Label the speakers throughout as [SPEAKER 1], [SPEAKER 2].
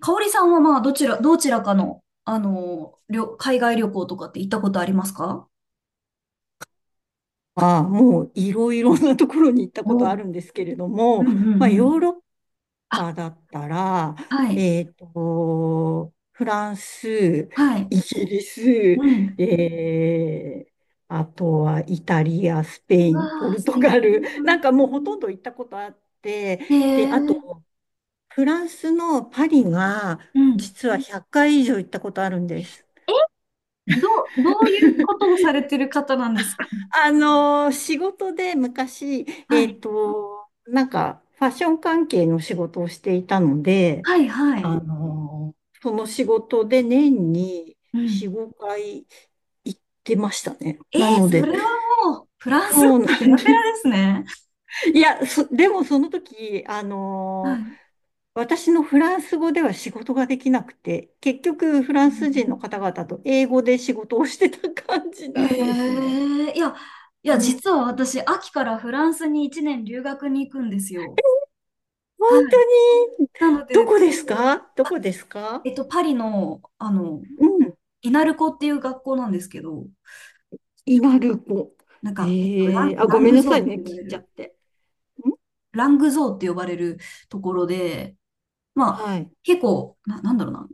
[SPEAKER 1] 香織さんはまあ、どちらかの、海外旅行とかって行ったことありますか？
[SPEAKER 2] は、もういろいろなところに行ったこ
[SPEAKER 1] お
[SPEAKER 2] とあ
[SPEAKER 1] う。
[SPEAKER 2] るんですけれど
[SPEAKER 1] うん
[SPEAKER 2] も、
[SPEAKER 1] う
[SPEAKER 2] まあ、
[SPEAKER 1] んうん。
[SPEAKER 2] ヨーロッ
[SPEAKER 1] あ、
[SPEAKER 2] パだったら、
[SPEAKER 1] はい。
[SPEAKER 2] フランス、
[SPEAKER 1] はい。
[SPEAKER 2] イギリス、
[SPEAKER 1] うん。
[SPEAKER 2] えーあとはイタリア、スペイン、ポ
[SPEAKER 1] わあ、
[SPEAKER 2] ル
[SPEAKER 1] 素
[SPEAKER 2] トガ
[SPEAKER 1] 敵だ
[SPEAKER 2] ル、なん
[SPEAKER 1] な。
[SPEAKER 2] かもうほとんど行ったことあって、
[SPEAKER 1] へ
[SPEAKER 2] で、あ
[SPEAKER 1] え。
[SPEAKER 2] と、フランスのパリが、
[SPEAKER 1] うん。
[SPEAKER 2] 実は100回以上行ったことあるんです。
[SPEAKER 1] え、ど、どういうことをされてる方なんですか？
[SPEAKER 2] 仕事で昔、
[SPEAKER 1] はい。
[SPEAKER 2] なんか、ファッション関係の仕事をしていたので、
[SPEAKER 1] はい、はい。
[SPEAKER 2] その仕事で年に
[SPEAKER 1] うん。
[SPEAKER 2] 4、5回行ってましたね。
[SPEAKER 1] えー、
[SPEAKER 2] なの
[SPEAKER 1] そ
[SPEAKER 2] で、
[SPEAKER 1] れはもう、フラン
[SPEAKER 2] そ
[SPEAKER 1] ス
[SPEAKER 2] う
[SPEAKER 1] 語
[SPEAKER 2] な
[SPEAKER 1] ペ
[SPEAKER 2] ん
[SPEAKER 1] ラ
[SPEAKER 2] で
[SPEAKER 1] ペラで
[SPEAKER 2] す。
[SPEAKER 1] すね。
[SPEAKER 2] いや、でもその時、
[SPEAKER 1] はい。
[SPEAKER 2] 私のフランス語では仕事ができなくて、結局フラ
[SPEAKER 1] う
[SPEAKER 2] ンス人の
[SPEAKER 1] ん。
[SPEAKER 2] 方々と英語で仕事をしてた感じなんです
[SPEAKER 1] へ
[SPEAKER 2] ね。
[SPEAKER 1] え。いや、いや、
[SPEAKER 2] うん、
[SPEAKER 1] 実は私、秋からフランスに1年留学に行くんですよ。
[SPEAKER 2] 本
[SPEAKER 1] はい。
[SPEAKER 2] 当に、
[SPEAKER 1] なの
[SPEAKER 2] ど
[SPEAKER 1] で、
[SPEAKER 2] こですか？どこですか？
[SPEAKER 1] パリの、
[SPEAKER 2] うん、
[SPEAKER 1] イナルコっていう学校なんですけど、
[SPEAKER 2] 稲ル子。
[SPEAKER 1] なんか、
[SPEAKER 2] へえ、あ、ご
[SPEAKER 1] ラン
[SPEAKER 2] めん
[SPEAKER 1] グ
[SPEAKER 2] な
[SPEAKER 1] ゾー
[SPEAKER 2] さい
[SPEAKER 1] ンっ
[SPEAKER 2] ね、
[SPEAKER 1] て呼
[SPEAKER 2] 聞
[SPEAKER 1] ば
[SPEAKER 2] い
[SPEAKER 1] れ
[SPEAKER 2] ちゃっ
[SPEAKER 1] る、
[SPEAKER 2] て。ん、
[SPEAKER 1] ラングゾーンって呼ばれるところで、まあ、
[SPEAKER 2] はい。
[SPEAKER 1] 結構、なんだろうな、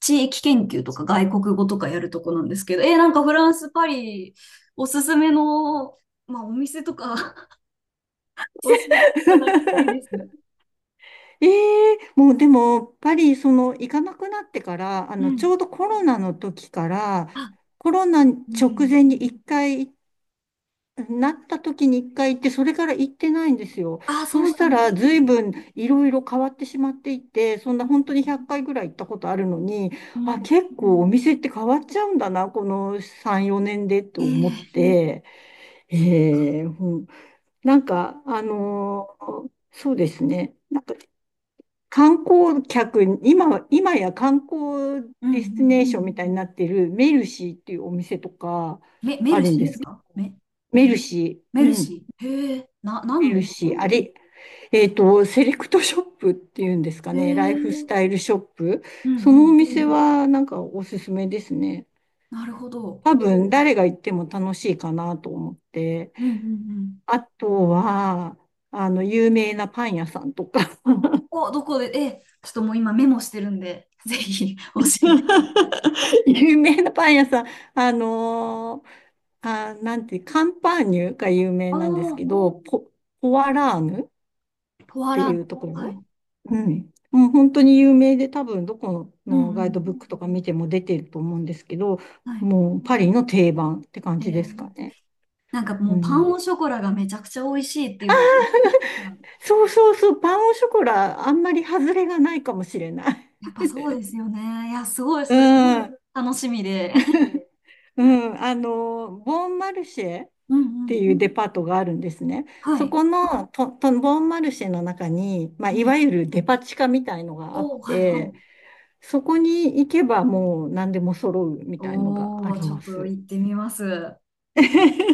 [SPEAKER 1] 地域研究とか外国語とかやるとこなんですけど、なんかフランス、パリ、おすすめの、まあ、お店とか 教えていただきたいです。
[SPEAKER 2] ええ、もうでも、やっぱりその、行かなくなってから、あ
[SPEAKER 1] う
[SPEAKER 2] の、ち
[SPEAKER 1] ん。
[SPEAKER 2] ょうどコロナの時から、
[SPEAKER 1] あ、
[SPEAKER 2] コロナ
[SPEAKER 1] う
[SPEAKER 2] 直
[SPEAKER 1] ん。
[SPEAKER 2] 前に一回なった時に一回行って、それから行ってないんですよ。
[SPEAKER 1] あ、
[SPEAKER 2] そ
[SPEAKER 1] そ
[SPEAKER 2] う
[SPEAKER 1] う
[SPEAKER 2] し
[SPEAKER 1] な
[SPEAKER 2] た
[SPEAKER 1] んで
[SPEAKER 2] ら、
[SPEAKER 1] す
[SPEAKER 2] 随
[SPEAKER 1] ね。
[SPEAKER 2] 分いろいろ変わってしまっていて、そんな本当に100回ぐらい行ったことあるのに、
[SPEAKER 1] う
[SPEAKER 2] あ、
[SPEAKER 1] ん。
[SPEAKER 2] 結構お店って変わっちゃうんだな、この3、4年でって思っ
[SPEAKER 1] ええ。
[SPEAKER 2] て、うん、なんか、そうですね。なんか観光客に、今は、今や観光
[SPEAKER 1] うんう
[SPEAKER 2] ディスティ
[SPEAKER 1] ん。
[SPEAKER 2] ネーションみたいになっているメルシーっていうお店とか
[SPEAKER 1] メ
[SPEAKER 2] あ
[SPEAKER 1] ル
[SPEAKER 2] るん
[SPEAKER 1] シー
[SPEAKER 2] で
[SPEAKER 1] で
[SPEAKER 2] す
[SPEAKER 1] す
[SPEAKER 2] け
[SPEAKER 1] か？
[SPEAKER 2] ど、メルシ
[SPEAKER 1] メ
[SPEAKER 2] ー。う
[SPEAKER 1] ル
[SPEAKER 2] ん。
[SPEAKER 1] シー。へえ。何
[SPEAKER 2] 見
[SPEAKER 1] のお
[SPEAKER 2] る
[SPEAKER 1] 店で
[SPEAKER 2] し、
[SPEAKER 1] す
[SPEAKER 2] あ
[SPEAKER 1] か？
[SPEAKER 2] れ、セレクトショップっていうんですか
[SPEAKER 1] へえ。
[SPEAKER 2] ね、ライフ
[SPEAKER 1] う
[SPEAKER 2] ス
[SPEAKER 1] ん
[SPEAKER 2] タイルショップ。
[SPEAKER 1] う
[SPEAKER 2] そのお
[SPEAKER 1] ん。
[SPEAKER 2] 店はなんかおすすめですね。
[SPEAKER 1] なるほど。
[SPEAKER 2] 多分誰が行っても楽しいかなと思って。
[SPEAKER 1] うんうんうん。
[SPEAKER 2] あとは、あの、有名なパン屋さんとか
[SPEAKER 1] どこで、ちょっともう今メモしてるんで、ぜひ 教えて。
[SPEAKER 2] 有名なパン屋さん、あのーなんて、カンパーニュが有名
[SPEAKER 1] あ
[SPEAKER 2] なんです
[SPEAKER 1] あ、
[SPEAKER 2] けど、ポワラーヌ
[SPEAKER 1] ポア
[SPEAKER 2] て
[SPEAKER 1] ラ
[SPEAKER 2] い
[SPEAKER 1] ー
[SPEAKER 2] う
[SPEAKER 1] ド、
[SPEAKER 2] とこ
[SPEAKER 1] は
[SPEAKER 2] ろ。
[SPEAKER 1] い。
[SPEAKER 2] うん。もう本当に有名で多分どこ
[SPEAKER 1] うん
[SPEAKER 2] の
[SPEAKER 1] う
[SPEAKER 2] ガイドブ
[SPEAKER 1] ん。
[SPEAKER 2] ックとか見ても出てると思うんですけど、
[SPEAKER 1] はい。
[SPEAKER 2] もうパリの定番って感
[SPEAKER 1] え
[SPEAKER 2] じで
[SPEAKER 1] ー、
[SPEAKER 2] すかね。
[SPEAKER 1] なんかも
[SPEAKER 2] う
[SPEAKER 1] うパ
[SPEAKER 2] ん。
[SPEAKER 1] ンオショコラがめちゃくちゃ美味しいっていうのを聞いてたら、
[SPEAKER 2] そうそうそう、パンオショコラ、あんまり外れがないかもしれない。
[SPEAKER 1] やっぱそうですよね。いや、すごい
[SPEAKER 2] う
[SPEAKER 1] それ
[SPEAKER 2] ん。
[SPEAKER 1] 楽しみで。
[SPEAKER 2] うん、あの、ボンマルシェっ
[SPEAKER 1] うんう
[SPEAKER 2] て
[SPEAKER 1] ん。
[SPEAKER 2] いうデパートがあるんですね。
[SPEAKER 1] は
[SPEAKER 2] そ
[SPEAKER 1] い。
[SPEAKER 2] このと、と、ボンマルシェの中に、まあ、
[SPEAKER 1] う
[SPEAKER 2] いわ
[SPEAKER 1] ん。
[SPEAKER 2] ゆるデパ地下みたいのがあっ
[SPEAKER 1] おー、はいは
[SPEAKER 2] て、
[SPEAKER 1] い。
[SPEAKER 2] そこに行けばもう何でも揃うみたいのがあ
[SPEAKER 1] おー、
[SPEAKER 2] り
[SPEAKER 1] ちょ
[SPEAKER 2] ま
[SPEAKER 1] っと
[SPEAKER 2] す。
[SPEAKER 1] 行ってみます。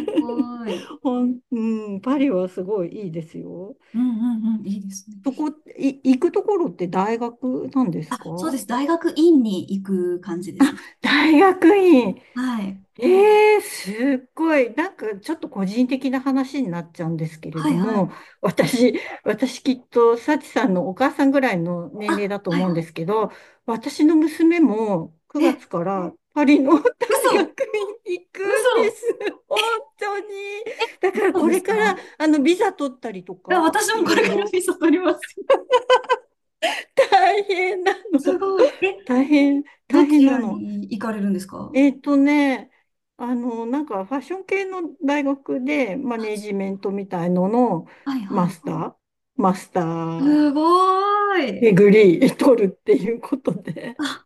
[SPEAKER 1] すごい。
[SPEAKER 2] うん、パリはすごいいいですよ。
[SPEAKER 1] うんうんうん。いいですね。
[SPEAKER 2] そこ、行くところって大学なんです
[SPEAKER 1] そう
[SPEAKER 2] か？
[SPEAKER 1] です。大学院に行く感じですね。
[SPEAKER 2] 大学院。
[SPEAKER 1] はい。
[SPEAKER 2] ええ、すっごい。なんかちょっと個人的な話になっちゃうんですけれ
[SPEAKER 1] は
[SPEAKER 2] ど
[SPEAKER 1] いは
[SPEAKER 2] も、
[SPEAKER 1] い。
[SPEAKER 2] 私きっと、幸さんのお母さんぐらいの年齢
[SPEAKER 1] あ、
[SPEAKER 2] だと
[SPEAKER 1] はい
[SPEAKER 2] 思うんで
[SPEAKER 1] は
[SPEAKER 2] すけど、私の娘も
[SPEAKER 1] い。
[SPEAKER 2] 9
[SPEAKER 1] え、
[SPEAKER 2] 月からパリの 大学
[SPEAKER 1] 嘘。
[SPEAKER 2] に行くんで
[SPEAKER 1] 嘘。
[SPEAKER 2] す。本当に。だから
[SPEAKER 1] そう
[SPEAKER 2] こ
[SPEAKER 1] で
[SPEAKER 2] れ
[SPEAKER 1] す
[SPEAKER 2] か
[SPEAKER 1] か？
[SPEAKER 2] ら、
[SPEAKER 1] い
[SPEAKER 2] あの、ビザ取ったりと
[SPEAKER 1] や、
[SPEAKER 2] か、
[SPEAKER 1] 私
[SPEAKER 2] い
[SPEAKER 1] もこ
[SPEAKER 2] ろ
[SPEAKER 1] れ
[SPEAKER 2] い
[SPEAKER 1] から
[SPEAKER 2] ろ
[SPEAKER 1] ビザ取ります。
[SPEAKER 2] 大変な
[SPEAKER 1] す
[SPEAKER 2] の。
[SPEAKER 1] ごい。え、ど
[SPEAKER 2] 大変
[SPEAKER 1] ち
[SPEAKER 2] な
[SPEAKER 1] ら
[SPEAKER 2] の。
[SPEAKER 1] に行かれるんですか？は
[SPEAKER 2] えっとね、あの、なんかファッション系の大学でマネージメントみたいのの
[SPEAKER 1] いは
[SPEAKER 2] マ
[SPEAKER 1] い。
[SPEAKER 2] スター、マスター
[SPEAKER 1] すごー
[SPEAKER 2] デ
[SPEAKER 1] い。
[SPEAKER 2] グリー取るっていうことで。
[SPEAKER 1] あ、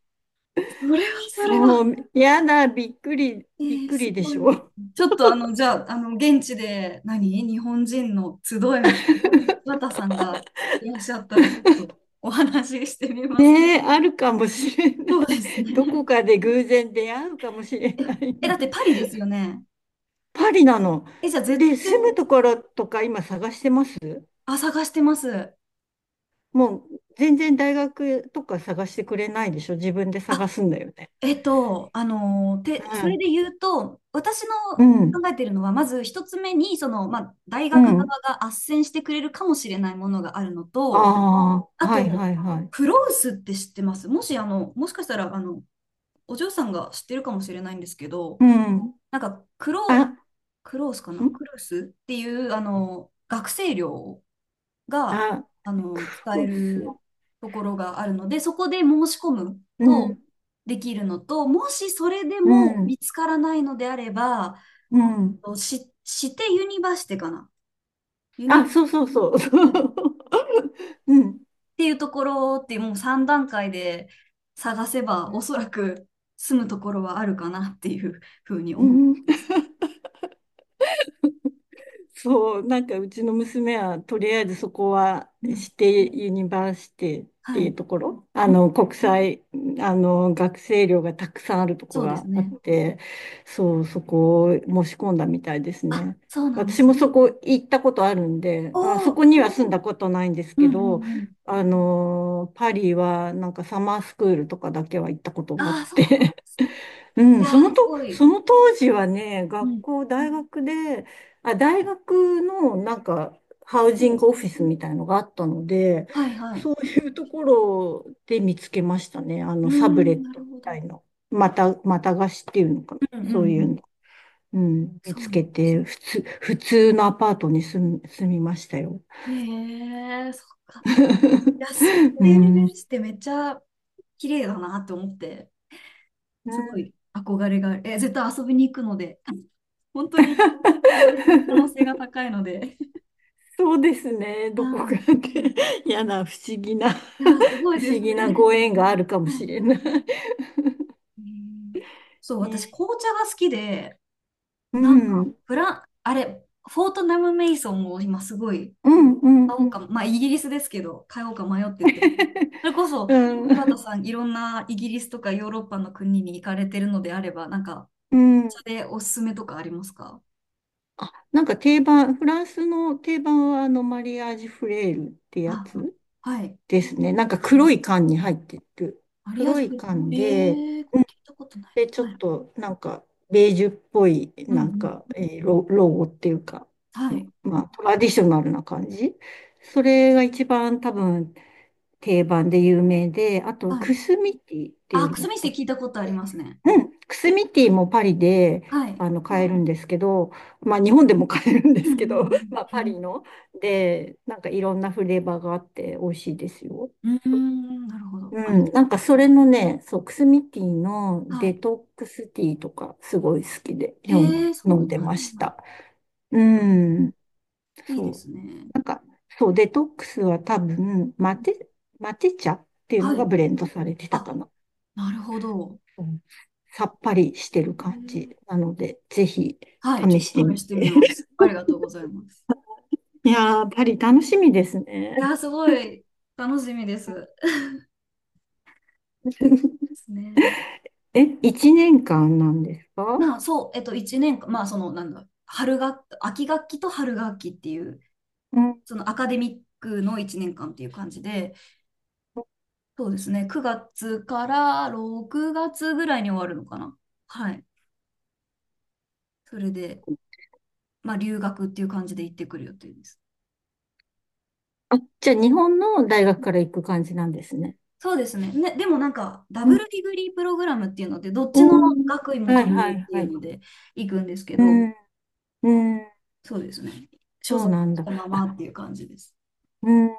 [SPEAKER 1] それはそれは。
[SPEAKER 2] そう、やだ、びっく
[SPEAKER 1] す
[SPEAKER 2] りで
[SPEAKER 1] ご
[SPEAKER 2] し
[SPEAKER 1] い。
[SPEAKER 2] ょ。
[SPEAKER 1] ちょっとじゃあ、現地で日本人の集いみたいな、柴田さんがいらっしゃったら、ちょっとお話ししてみます。
[SPEAKER 2] ねえ、あるかもしれない。
[SPEAKER 1] そうです
[SPEAKER 2] ど
[SPEAKER 1] ね。
[SPEAKER 2] こかで偶然出会うかもしれ
[SPEAKER 1] え、
[SPEAKER 2] ない
[SPEAKER 1] え、だって
[SPEAKER 2] ね。
[SPEAKER 1] パリですよね。
[SPEAKER 2] パリなの。
[SPEAKER 1] え、じゃあ絶
[SPEAKER 2] で、
[SPEAKER 1] 対、
[SPEAKER 2] 住むところとか今探してます。
[SPEAKER 1] あ、探してます。
[SPEAKER 2] もう全然大学とか探してくれないでしょ。自分で探
[SPEAKER 1] あ、
[SPEAKER 2] すんだよね。う
[SPEAKER 1] それ
[SPEAKER 2] ん、
[SPEAKER 1] で言うと、私
[SPEAKER 2] う
[SPEAKER 1] の
[SPEAKER 2] ん、
[SPEAKER 1] 考えてるのは、まず一つ目に、まあ、大
[SPEAKER 2] う
[SPEAKER 1] 学
[SPEAKER 2] ん。
[SPEAKER 1] 側が斡旋してくれるかもしれないものがあるの
[SPEAKER 2] あ
[SPEAKER 1] と、
[SPEAKER 2] あ、
[SPEAKER 1] あ
[SPEAKER 2] はいは
[SPEAKER 1] と、
[SPEAKER 2] いはい。
[SPEAKER 1] フロウスって知ってます？もし、もしかしたら、お嬢さんが知ってるかもしれないんですけど、
[SPEAKER 2] うん。
[SPEAKER 1] なんか、
[SPEAKER 2] あ、ん、
[SPEAKER 1] クロースかなクロースっていう、学生寮が、
[SPEAKER 2] あ、ク
[SPEAKER 1] 使え
[SPEAKER 2] ロ
[SPEAKER 1] る
[SPEAKER 2] ス。
[SPEAKER 1] ところがあるので、そこで申し込む
[SPEAKER 2] う
[SPEAKER 1] と
[SPEAKER 2] ん、
[SPEAKER 1] できるのと、もしそれで
[SPEAKER 2] う
[SPEAKER 1] も
[SPEAKER 2] ん、
[SPEAKER 1] 見つからないのであれば、
[SPEAKER 2] うん。
[SPEAKER 1] してユニバーシティかな。ユニ
[SPEAKER 2] あ、
[SPEAKER 1] バ
[SPEAKER 2] そうそうそう。そう、
[SPEAKER 1] っ
[SPEAKER 2] うん、
[SPEAKER 1] ていうところってもう3段階で探せば、おそらく住むところはあるかなっていうふうに
[SPEAKER 2] う
[SPEAKER 1] 思う。
[SPEAKER 2] ん。そう、なんかうちの娘はとりあえずそこは
[SPEAKER 1] う
[SPEAKER 2] 指
[SPEAKER 1] ん。
[SPEAKER 2] 定ユニバーシティって
[SPEAKER 1] は
[SPEAKER 2] い
[SPEAKER 1] い。
[SPEAKER 2] うところ、あ
[SPEAKER 1] うん。
[SPEAKER 2] の国際、あの学生寮がたくさんあるとこ
[SPEAKER 1] そうです
[SPEAKER 2] があっ
[SPEAKER 1] ね。
[SPEAKER 2] て、そう、そこを申し込んだみたいです
[SPEAKER 1] あ、
[SPEAKER 2] ね。
[SPEAKER 1] そうなんで
[SPEAKER 2] 私
[SPEAKER 1] す。
[SPEAKER 2] もそこ行ったことあるんで、
[SPEAKER 1] お
[SPEAKER 2] あ、そこ
[SPEAKER 1] お。
[SPEAKER 2] には住んだことないんです
[SPEAKER 1] うん
[SPEAKER 2] け
[SPEAKER 1] う
[SPEAKER 2] ど、
[SPEAKER 1] んうん。
[SPEAKER 2] あの、パリはなんかサマースクールとかだけは行ったことがあ
[SPEAKER 1] あ
[SPEAKER 2] っ
[SPEAKER 1] あ、そう。
[SPEAKER 2] て、う
[SPEAKER 1] い
[SPEAKER 2] ん、そ
[SPEAKER 1] や
[SPEAKER 2] の
[SPEAKER 1] ー、す
[SPEAKER 2] と、
[SPEAKER 1] ごい。
[SPEAKER 2] その当時はね、
[SPEAKER 1] う
[SPEAKER 2] 学
[SPEAKER 1] ん。
[SPEAKER 2] 校、大学で、あ、大学のなんか、ハウジン
[SPEAKER 1] お
[SPEAKER 2] グオフィスみたいのがあったので、
[SPEAKER 1] はいはい。
[SPEAKER 2] そういうところで見つけましたね。あ
[SPEAKER 1] うー
[SPEAKER 2] の、サブレ
[SPEAKER 1] ん、
[SPEAKER 2] ッ
[SPEAKER 1] な
[SPEAKER 2] ト
[SPEAKER 1] る
[SPEAKER 2] み
[SPEAKER 1] ほ
[SPEAKER 2] た
[SPEAKER 1] ど。
[SPEAKER 2] いの。また貸しっていうのかな。
[SPEAKER 1] うんうんう
[SPEAKER 2] そういう
[SPEAKER 1] ん。
[SPEAKER 2] の。うん、見
[SPEAKER 1] そ
[SPEAKER 2] つ
[SPEAKER 1] うな
[SPEAKER 2] け
[SPEAKER 1] んです
[SPEAKER 2] て、普通のアパートに住みましたよ。
[SPEAKER 1] ね。へえ、そっか。いや、ス
[SPEAKER 2] う
[SPEAKER 1] テーヌベ
[SPEAKER 2] ん。うん、
[SPEAKER 1] ルスってめっちゃ綺麗だなって思って、すごい憧れがある。え、絶対遊びに行くので、本当にお会いする可能性が高いので。
[SPEAKER 2] そうですね。どこか
[SPEAKER 1] は
[SPEAKER 2] で
[SPEAKER 1] い。
[SPEAKER 2] 嫌な不思議な
[SPEAKER 1] いや、す ごい
[SPEAKER 2] 不
[SPEAKER 1] で
[SPEAKER 2] 思
[SPEAKER 1] す
[SPEAKER 2] 議な
[SPEAKER 1] ね。
[SPEAKER 2] ご縁があるかも
[SPEAKER 1] はいは
[SPEAKER 2] しれない。
[SPEAKER 1] い。へえ。そう、私、
[SPEAKER 2] ね、
[SPEAKER 1] 紅茶が好きで、
[SPEAKER 2] う
[SPEAKER 1] なんか、
[SPEAKER 2] ん。
[SPEAKER 1] フラン、あれ、フォートナム・メイソンを今すごい
[SPEAKER 2] うん、うん、
[SPEAKER 1] 買
[SPEAKER 2] う
[SPEAKER 1] おう
[SPEAKER 2] ん。
[SPEAKER 1] か、まあ、イギリスですけど、買おうか迷ってて。それこそ、
[SPEAKER 2] う
[SPEAKER 1] 柴田
[SPEAKER 2] ん。
[SPEAKER 1] さん、いろんなイギリスとかヨーロッパの国に行かれてるのであれば、なんか、
[SPEAKER 2] う
[SPEAKER 1] お
[SPEAKER 2] ん、
[SPEAKER 1] 茶でおすすめとかありますか？
[SPEAKER 2] あ、なんか定番、フランスの定番はあのマリアージュフレールって
[SPEAKER 1] あ、
[SPEAKER 2] やつ
[SPEAKER 1] あ、はい。
[SPEAKER 2] ですね。なんか
[SPEAKER 1] う
[SPEAKER 2] 黒
[SPEAKER 1] ん。
[SPEAKER 2] い缶に入ってる。
[SPEAKER 1] マリアー
[SPEAKER 2] 黒
[SPEAKER 1] ジュフ
[SPEAKER 2] い
[SPEAKER 1] ル。
[SPEAKER 2] 缶
[SPEAKER 1] え
[SPEAKER 2] で、
[SPEAKER 1] えーこれ聞いたことない
[SPEAKER 2] で、ち
[SPEAKER 1] な。
[SPEAKER 2] ょ
[SPEAKER 1] は
[SPEAKER 2] っ
[SPEAKER 1] い。
[SPEAKER 2] となんか、ベージュっぽい、
[SPEAKER 1] うんう
[SPEAKER 2] なん
[SPEAKER 1] ん。
[SPEAKER 2] か、ロゴっていうか、
[SPEAKER 1] はい。
[SPEAKER 2] まあ、トラディショナルな感じ。それが一番多分定番で有名で、あと、
[SPEAKER 1] は
[SPEAKER 2] ク
[SPEAKER 1] い。
[SPEAKER 2] スミティってい
[SPEAKER 1] あ、
[SPEAKER 2] う
[SPEAKER 1] ク
[SPEAKER 2] の
[SPEAKER 1] スミステ
[SPEAKER 2] とか、
[SPEAKER 1] 聞いたことあり
[SPEAKER 2] で、
[SPEAKER 1] ますね。
[SPEAKER 2] うん、クスミティもパリで、
[SPEAKER 1] はい。
[SPEAKER 2] あの、買えるんん。ですけど、まあ、日本でも買えるんで
[SPEAKER 1] うん
[SPEAKER 2] すけど、まあ、
[SPEAKER 1] う
[SPEAKER 2] パ
[SPEAKER 1] ん
[SPEAKER 2] リの。で、なんかいろんなフレーバーがあって美味しいですよ。
[SPEAKER 1] うん。うん、なるほど。
[SPEAKER 2] う
[SPEAKER 1] ありがと
[SPEAKER 2] ん、な
[SPEAKER 1] う
[SPEAKER 2] んかそれのね、そう、クスミティ
[SPEAKER 1] ございます。
[SPEAKER 2] の
[SPEAKER 1] は
[SPEAKER 2] デ
[SPEAKER 1] い。
[SPEAKER 2] トックスティーとかすごい好きで
[SPEAKER 1] へえ、そ
[SPEAKER 2] 飲
[SPEAKER 1] んな
[SPEAKER 2] ん
[SPEAKER 1] の
[SPEAKER 2] で
[SPEAKER 1] あ
[SPEAKER 2] ま
[SPEAKER 1] るん
[SPEAKER 2] し
[SPEAKER 1] だ。
[SPEAKER 2] た。うん、
[SPEAKER 1] いいで
[SPEAKER 2] そう。
[SPEAKER 1] すね。
[SPEAKER 2] なんか、そう、デトックスは多分、マテ茶っていうの
[SPEAKER 1] は
[SPEAKER 2] が
[SPEAKER 1] い。
[SPEAKER 2] ブレンドされてたか
[SPEAKER 1] あ、
[SPEAKER 2] な。
[SPEAKER 1] なるほど。
[SPEAKER 2] うん、さっぱりして
[SPEAKER 1] へ
[SPEAKER 2] る感じ
[SPEAKER 1] え。
[SPEAKER 2] なので、ぜひ
[SPEAKER 1] はい、ちょ
[SPEAKER 2] 試
[SPEAKER 1] っ
[SPEAKER 2] して
[SPEAKER 1] と試
[SPEAKER 2] み
[SPEAKER 1] してみ
[SPEAKER 2] て。
[SPEAKER 1] ます。ありがとうございます。
[SPEAKER 2] いやー、パリ楽しみです
[SPEAKER 1] いやー、
[SPEAKER 2] ね。
[SPEAKER 1] すごい楽しみです。ですね。
[SPEAKER 2] え、1年間なんですか？
[SPEAKER 1] まあ、そう、1年間、まあ、なんだ、秋学期と春学期っていう、
[SPEAKER 2] うん。
[SPEAKER 1] そのアカデミックの1年間っていう感じで、そうですね、9月から6月ぐらいに終わるのかな。はい。それで、まあ、留学っていう感じで行ってくる予定です。
[SPEAKER 2] あ、じゃあ日本の大学から行く感じなんですね。
[SPEAKER 1] そうですね。ね、でもなんか、ダ
[SPEAKER 2] う
[SPEAKER 1] ブ
[SPEAKER 2] ん、
[SPEAKER 1] ルディグリープログラムっていうので、どっ
[SPEAKER 2] う
[SPEAKER 1] ちの
[SPEAKER 2] ん。
[SPEAKER 1] 学位も
[SPEAKER 2] はい
[SPEAKER 1] 取れ
[SPEAKER 2] は
[SPEAKER 1] る
[SPEAKER 2] い
[SPEAKER 1] ってい
[SPEAKER 2] は
[SPEAKER 1] う
[SPEAKER 2] い。
[SPEAKER 1] ので行くんですけ
[SPEAKER 2] う
[SPEAKER 1] ど、
[SPEAKER 2] ん。うん。
[SPEAKER 1] そうですね。所
[SPEAKER 2] そう
[SPEAKER 1] 属
[SPEAKER 2] なん
[SPEAKER 1] し
[SPEAKER 2] だ。
[SPEAKER 1] たままっ
[SPEAKER 2] あ、
[SPEAKER 1] ていう感じです。
[SPEAKER 2] うん。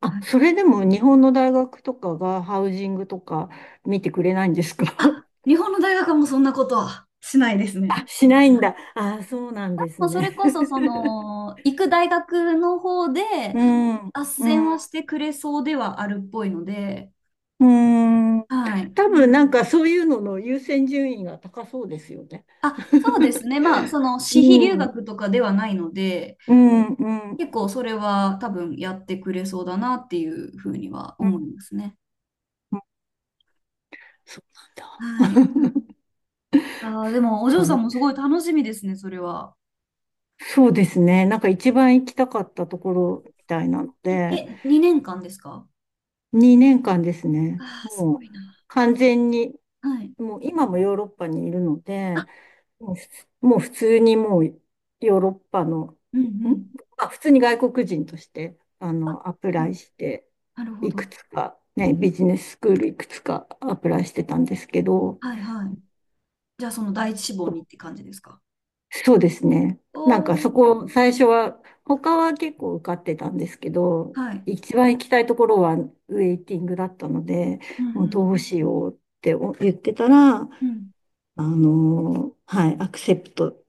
[SPEAKER 1] は
[SPEAKER 2] あ、
[SPEAKER 1] い。
[SPEAKER 2] それでも日本の大学とかがハウジングとか見てくれないんですか？
[SPEAKER 1] あ、日本の大学はもうそんなことはしないですね。
[SPEAKER 2] あ、しないんだ。あ、そうなんです
[SPEAKER 1] もうそれ
[SPEAKER 2] ね。
[SPEAKER 1] こそ、行く大学の方で、
[SPEAKER 2] うん。
[SPEAKER 1] 斡
[SPEAKER 2] う
[SPEAKER 1] 旋は
[SPEAKER 2] ん。
[SPEAKER 1] してくれそうではあるっぽいので、
[SPEAKER 2] うん。
[SPEAKER 1] はい。
[SPEAKER 2] 多分なんかそういうのの優先順位が高そうですよね。
[SPEAKER 1] あ、そうですね。まあ、私費留
[SPEAKER 2] うん。
[SPEAKER 1] 学とかではないので、
[SPEAKER 2] うん。うん。うん。
[SPEAKER 1] 結構それは多分やってくれそうだなっていうふうには思いますね。
[SPEAKER 2] そう
[SPEAKER 1] は
[SPEAKER 2] な
[SPEAKER 1] い。
[SPEAKER 2] んだ。
[SPEAKER 1] でも、お嬢さんも すごい楽しみですね、それは。
[SPEAKER 2] そうですね。なんか一番行きたかったところみたいなの
[SPEAKER 1] い
[SPEAKER 2] で、
[SPEAKER 1] え、2年間ですか？
[SPEAKER 2] 2年間ですね。
[SPEAKER 1] ああ、す
[SPEAKER 2] も
[SPEAKER 1] ご
[SPEAKER 2] う
[SPEAKER 1] いな。
[SPEAKER 2] 完全に、
[SPEAKER 1] はい。
[SPEAKER 2] もう今もヨーロッパにいるので、もう普通にもうヨーロッパの、
[SPEAKER 1] うんう
[SPEAKER 2] ん、
[SPEAKER 1] ん。
[SPEAKER 2] まあ、普通に外国人として、あの、アプ
[SPEAKER 1] お
[SPEAKER 2] ライして、
[SPEAKER 1] なるほ
[SPEAKER 2] い
[SPEAKER 1] ど。
[SPEAKER 2] くつか、ね、ビジネススクールいくつかアプライしてたんですけど、
[SPEAKER 1] はいはい。じゃあ、その第一志望にって感じですか？
[SPEAKER 2] そうですね。
[SPEAKER 1] お
[SPEAKER 2] なんかそ
[SPEAKER 1] おー。
[SPEAKER 2] こ、最初は、他は結構受かってたんですけど、
[SPEAKER 1] はい。
[SPEAKER 2] 一番行きたいところはウェイティングだったので、
[SPEAKER 1] うんう
[SPEAKER 2] もう
[SPEAKER 1] ん。
[SPEAKER 2] どうしようって言ってたら、
[SPEAKER 1] うん。
[SPEAKER 2] あのはい、アクセプト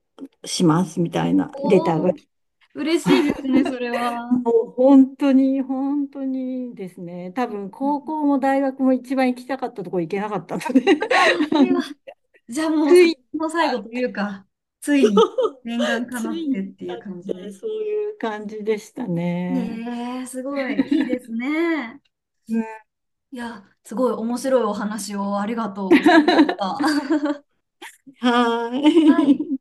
[SPEAKER 2] しますみたいなレターが
[SPEAKER 1] おお、
[SPEAKER 2] 来て、
[SPEAKER 1] 嬉しいですね、それは。
[SPEAKER 2] もう本当に、本当にですね、多
[SPEAKER 1] うん
[SPEAKER 2] 分
[SPEAKER 1] うん。
[SPEAKER 2] 高校も大学も一番行きたかったところ行けなかったので
[SPEAKER 1] あ、そ
[SPEAKER 2] あの
[SPEAKER 1] れは、じゃあもう
[SPEAKER 2] つ
[SPEAKER 1] 最
[SPEAKER 2] い、
[SPEAKER 1] 後の最後というか、ついに念願か
[SPEAKER 2] つ
[SPEAKER 1] なっ
[SPEAKER 2] いに
[SPEAKER 1] て
[SPEAKER 2] 至
[SPEAKER 1] っ
[SPEAKER 2] っ
[SPEAKER 1] てい
[SPEAKER 2] た
[SPEAKER 1] う感じ
[SPEAKER 2] って
[SPEAKER 1] で。
[SPEAKER 2] そういう感じでしたね。
[SPEAKER 1] ねえ、すごい、いいですね。いや、すごい面白いお話をありがとうございました。
[SPEAKER 2] は
[SPEAKER 1] はい。
[SPEAKER 2] い。